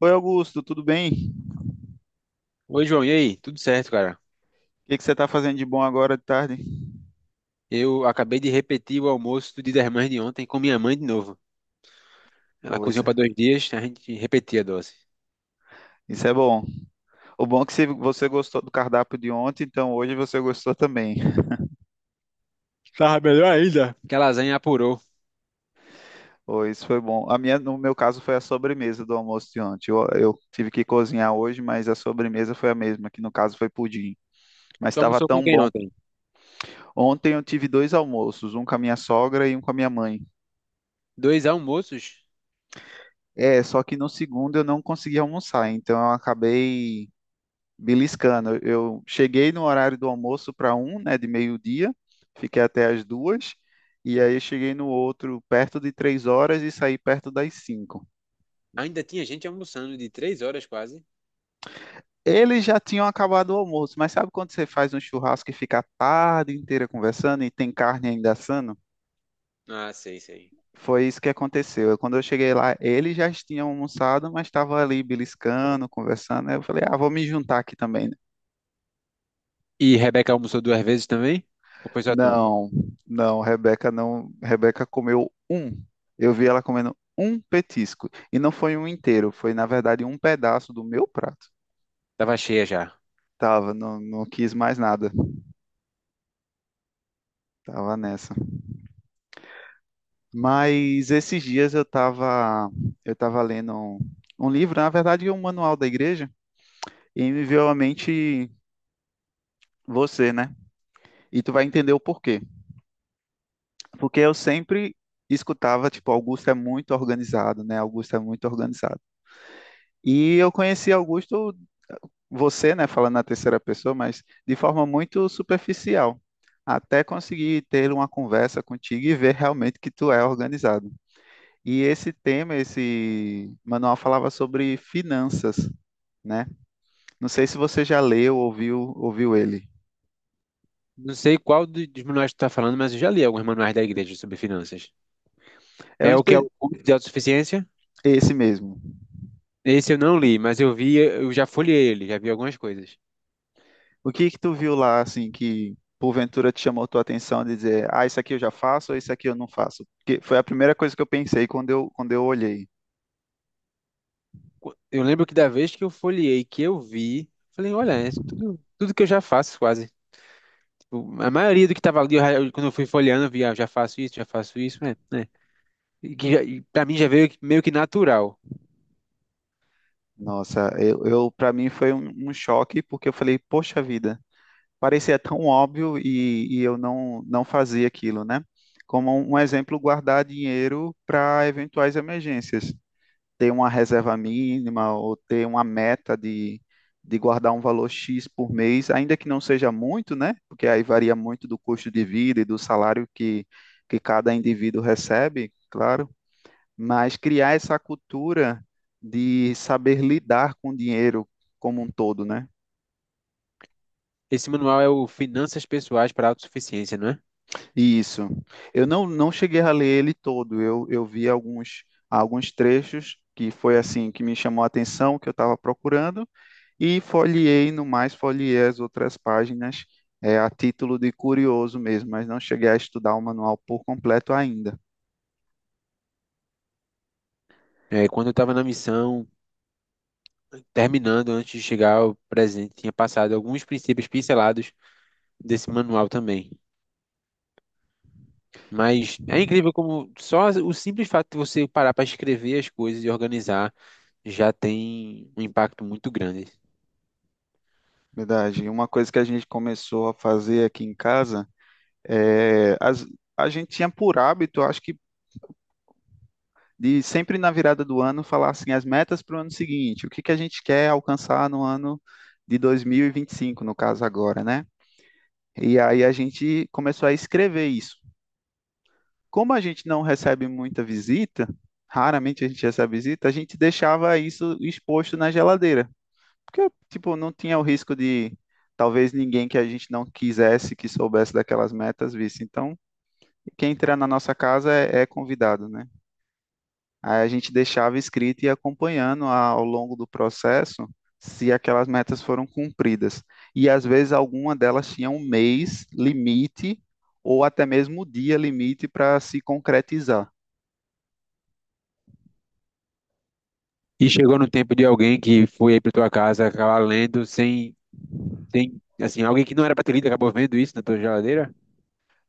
Oi, Augusto, tudo bem? O Oi, João, e aí? Tudo certo, cara? que que você está fazendo de bom agora de tarde? Eu acabei de repetir o almoço do Dia das Mães de ontem com minha mãe de novo. Ela Ô, isso, cozinhou para dois dias, a gente repetia a dose. isso é bom. O bom é que se você gostou do cardápio de ontem, então hoje você gostou também. Tava melhor ainda. Que a lasanha apurou. Ô, isso foi bom. A minha, no meu caso, foi a sobremesa do almoço de ontem. Eu tive que cozinhar hoje, mas a sobremesa foi a mesma, que no caso foi pudim. Mas Tu estava almoçou com tão quem bom. ontem? Ontem eu tive dois almoços, um com a minha sogra e um com a minha mãe. Dois almoços? É, só que no segundo eu não consegui almoçar, então eu acabei beliscando. Eu cheguei no horário do almoço para um, né, de meio-dia, fiquei até as duas, e aí eu cheguei no outro perto de 3 horas e saí perto das cinco. Ainda tinha gente almoçando de três horas quase. Eles já tinham acabado o almoço, mas sabe quando você faz um churrasco e fica a tarde inteira conversando e tem carne ainda assando? Ah, sei, sei. Foi isso que aconteceu. Quando eu cheguei lá, eles já tinham almoçado, mas estavam ali beliscando, conversando. Aí eu falei, ah, vou me juntar aqui também. E Rebeca almoçou duas vezes também? Ou foi só tu? Não, não, Rebeca não. Rebeca comeu um. Eu vi ela comendo um petisco. E não foi um inteiro, foi na verdade um pedaço do meu prato. Tava cheia já. Tava, não, não quis mais nada. Tava nessa. Mas esses dias eu tava lendo um livro, na verdade um manual da igreja, e me veio à mente você, né? E tu vai entender o porquê. Porque eu sempre escutava, tipo, Augusto é muito organizado, né? Augusto é muito organizado. E eu conheci Augusto você, né, falando na terceira pessoa, mas de forma muito superficial, até conseguir ter uma conversa contigo e ver realmente que tu é organizado. E esse tema, esse manual falava sobre finanças, né? Não sei se você já leu, ou ouviu, ele. Não sei dos manuais que tu tá falando, mas eu já li alguns manuais da igreja sobre finanças. É um É o que é espe- o culto de autossuficiência? Esse mesmo. Esse eu não li, mas eu vi, eu já folhei ele, já vi algumas coisas. O que que tu viu lá, assim, que porventura te chamou tua atenção de dizer, ah, isso aqui eu já faço ou isso aqui eu não faço? Porque foi a primeira coisa que eu pensei quando eu olhei. Eu lembro que da vez que eu folhei, que eu vi, falei, olha, é tudo que eu já faço quase. Tipo, a maioria do que tava ali, quando eu fui folheando, eu vi, ah, já faço isso, é, né? E pra mim já veio meio que natural. Nossa, eu para mim foi um choque porque eu falei, poxa vida, parecia tão óbvio e eu não fazia aquilo, né? Como um exemplo, guardar dinheiro para eventuais emergências, ter uma reserva mínima ou ter uma meta de guardar um valor X por mês, ainda que não seja muito, né? Porque aí varia muito do custo de vida e do salário que cada indivíduo recebe, claro, mas criar essa cultura de saber lidar com o dinheiro como um todo, né? Esse manual é o Finanças Pessoais para a Autossuficiência, não é? Isso. Eu não cheguei a ler ele todo, eu vi alguns trechos que foi assim que me chamou a atenção, que eu estava procurando, e folheei, no mais, folheei as outras páginas é, a título de curioso mesmo, mas não cheguei a estudar o manual por completo ainda. É, quando eu tava na missão, terminando antes de chegar ao presente, tinha passado alguns princípios pincelados desse manual também. Mas é incrível como só o simples fato de você parar para escrever as coisas e organizar já tem um impacto muito grande. Verdade. E uma coisa que a gente começou a fazer aqui em casa é as, a gente tinha por hábito, acho que de sempre na virada do ano falar assim as metas para o ano seguinte, o que que a gente quer alcançar no ano de 2025, no caso agora, né? E aí a gente começou a escrever isso. Como a gente não recebe muita visita, raramente a gente recebe visita, a gente deixava isso exposto na geladeira, porque tipo não tinha o risco de talvez ninguém que a gente não quisesse que soubesse daquelas metas visse. Então, quem entrar na nossa casa é convidado, né? Aí a gente deixava escrito e ia acompanhando ao longo do processo se aquelas metas foram cumpridas. E às vezes alguma delas tinha um mês limite ou até mesmo o dia limite para se concretizar. E chegou no tempo de alguém que foi aí para tua casa acabar lendo sem, sem, assim, alguém que não era para ter lido acabou vendo isso na tua geladeira.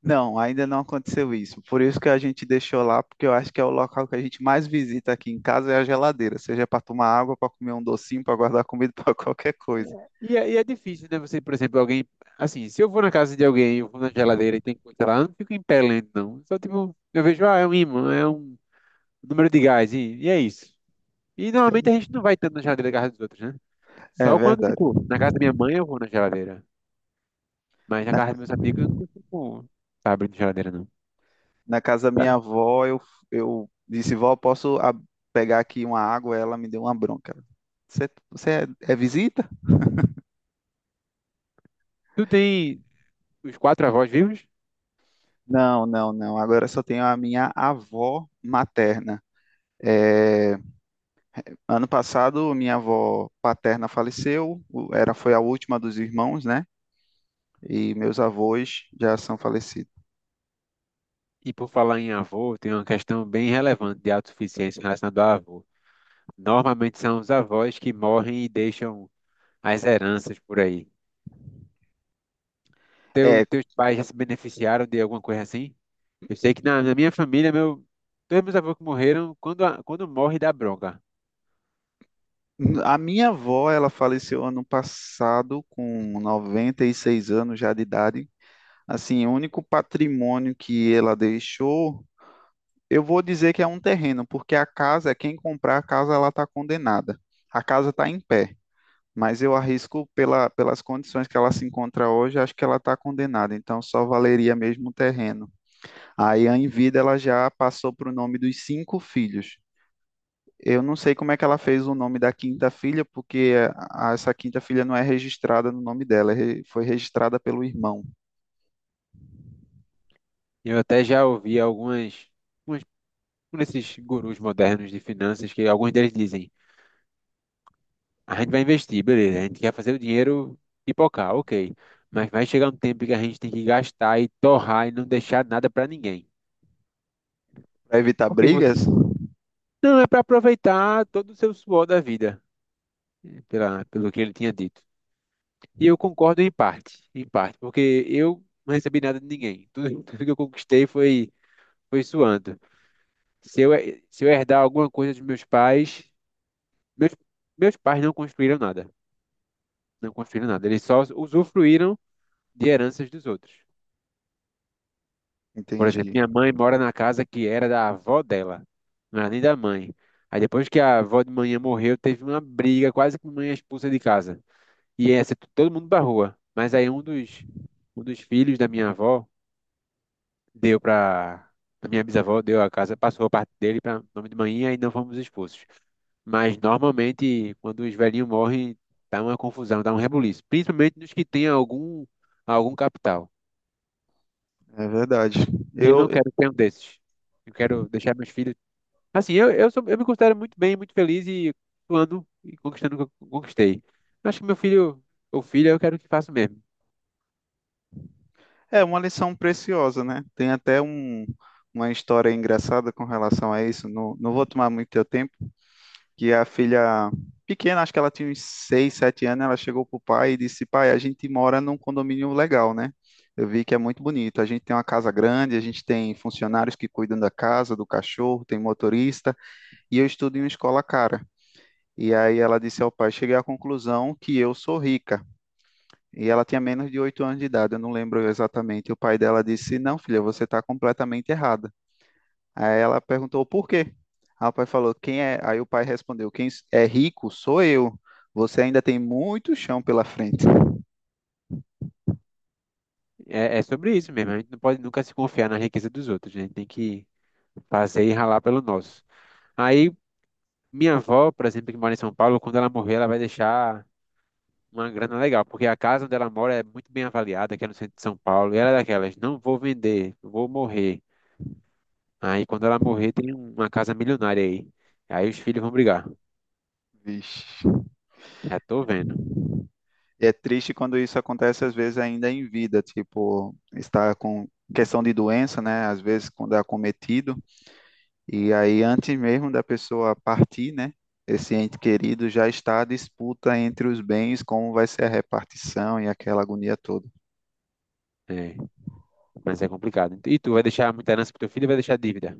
Não, ainda não aconteceu isso. Por isso que a gente deixou lá, porque eu acho que é o local que a gente mais visita aqui em casa é a geladeira, seja para tomar água, para comer um docinho, para guardar comida, para qualquer coisa. E é difícil, né? Você, por exemplo, alguém, assim, se eu vou na casa de alguém, eu vou na geladeira e tem coisa lá, eu não fico em pé lendo, não. Só tipo, eu vejo, ah, é um ímã, é um número de gás, e é isso. E normalmente a gente não vai tanto na geladeira da casa dos outros, né? É Só quando, verdade. tipo, na casa da minha mãe eu vou na geladeira. Mas na Na, casa dos meus amigos eu não costumo tá abrindo geladeira, não. na casa da Tá? minha avó, eu disse, vó, posso pegar aqui uma água? Ela me deu uma bronca. Você é visita? Tu tem os quatro avós vivos? Não, não, não. Agora só tenho a minha avó materna. É, ano passado, minha avó paterna faleceu, era, foi a última dos irmãos, né? E meus avós já são falecidos. E por falar em avô, tem uma questão bem relevante de autossuficiência relacionada ao avô. Normalmente são os avós que morrem e deixam as heranças por aí. Teu, É, teus pais já se beneficiaram de alguma coisa assim? Eu sei que na minha família, meu, todos meus avós que morreram, quando morre dá bronca. a minha avó, ela faleceu ano passado com 96 anos já de idade. Assim, o único patrimônio que ela deixou, eu vou dizer que é um terreno, porque a casa, quem comprar a casa, ela está condenada. A casa está em pé, mas eu arrisco pela, pelas condições que ela se encontra hoje, acho que ela está condenada, então só valeria mesmo o terreno. Aí, em vida, ela já passou para o nome dos cinco filhos. Eu não sei como é que ela fez o nome da quinta filha, porque essa quinta filha não é registrada no nome dela, foi registrada pelo irmão. Eu até já ouvi algumas. Umas nesses gurus modernos de finanças que alguns deles dizem, a gente vai investir, beleza, a gente quer fazer o dinheiro pipocar, ok. Mas vai chegar um tempo que a gente tem que gastar e torrar e não deixar nada para ninguém. Para evitar Porque brigas? você não é para aproveitar todo o seu suor da vida, pelo que ele tinha dito. E eu concordo em parte, porque eu não recebi nada de ninguém. Tudo, tudo que eu conquistei foi suando. Se eu, se eu herdar alguma coisa dos meus pais, meus, meus pais não construíram nada. Não construíram nada. Eles só usufruíram de heranças dos outros. Por exemplo, Entendi. minha mãe mora na casa que era da avó dela, não era nem da mãe. Aí depois que a avó de manhã morreu, teve uma briga, quase que mãe expulsa de casa. E essa, todo mundo pra rua. Mas aí um dos filhos da minha avó deu pra. A minha bisavó deu a casa, passou a parte dele para nome de manhã e não fomos expulsos. Mas normalmente, quando os velhinhos morrem, dá uma confusão, dá um rebuliço. Principalmente nos que têm algum capital. É verdade. E eu Eu, não quero ter um desses. Eu quero deixar meus filhos. Assim, sou, eu me considero muito bem, muito feliz e ando e conquistando o que eu conquistei. Acho que meu filho ou filha eu quero que faça o mesmo. é uma lição preciosa, né? Tem até uma história engraçada com relação a isso. Não, não vou tomar muito teu tempo. Que a filha pequena, acho que ela tinha uns 6 7 anos, ela chegou pro pai e disse: "Pai, a gente mora num condomínio legal, né? Eu vi que é muito bonito. A gente tem uma casa grande, a gente tem funcionários que cuidam da casa, do cachorro, tem motorista, e eu estudo em uma escola cara." E aí ela disse ao pai: "Cheguei à conclusão que eu sou rica." E ela tinha menos de 8 anos de idade, eu não lembro exatamente. E o pai dela disse: "Não, filha, você está completamente errada." Aí ela perguntou por quê? Aí o pai falou, quem é? Aí o pai respondeu, quem é rico sou eu. Você ainda tem muito chão pela frente. É, é sobre isso mesmo. A gente não pode nunca se confiar na riqueza dos outros, né? A gente tem que fazer e ralar pelo nosso. Aí, minha avó, por exemplo, que mora em São Paulo, quando ela morrer, ela vai deixar uma grana legal, porque a casa onde ela mora é muito bem avaliada, que é no centro de São Paulo. E ela é daquelas, não vou vender, vou morrer. Aí quando ela morrer, tem uma casa milionária aí. Aí os filhos vão brigar. Vixe. Já tô vendo. E é triste quando isso acontece, às vezes, ainda em vida, tipo, está com questão de doença, né? Às vezes, quando é acometido. E aí, antes mesmo da pessoa partir, né, esse ente querido já está a disputa entre os bens, como vai ser a repartição e aquela agonia toda. É, mas é complicado. E tu vai deixar muita herança pro teu filho e vai deixar dívida.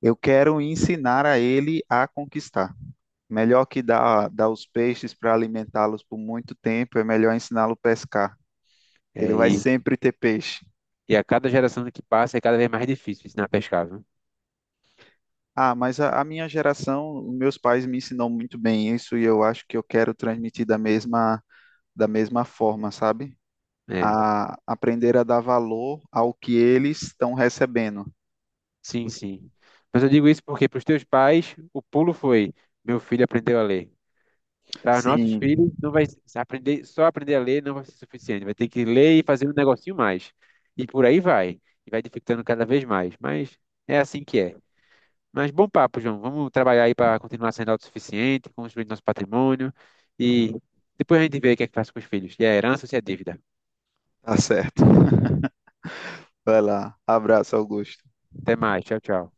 Eu quero ensinar a ele a conquistar. Melhor que dar os peixes para alimentá-los por muito tempo, é melhor ensiná-lo a pescar. É, Ele vai e, sempre ter peixe. e a cada geração que passa é cada vez mais difícil ensinar a pescar, viu? Ah, mas a minha geração, meus pais me ensinam muito bem isso e eu acho que eu quero transmitir da mesma forma, sabe? É, A aprender a dar valor ao que eles estão recebendo. sim, sim. Mas eu digo isso porque para os teus pais, o pulo foi, meu filho aprendeu a ler. Para os nossos Sim. filhos, não vai se aprender, só aprender a ler não vai ser suficiente. Vai ter que ler e fazer um negocinho mais. E por aí vai. E vai dificultando cada vez mais. Mas é assim que é. Mas bom papo, João. Vamos trabalhar aí para continuar sendo autossuficiente, construir nosso patrimônio e depois a gente vê o que é que faz com os filhos, se é herança ou se é dívida. Tá certo. Vai lá. Abraço, Augusto. Até mais. Tchau, tchau.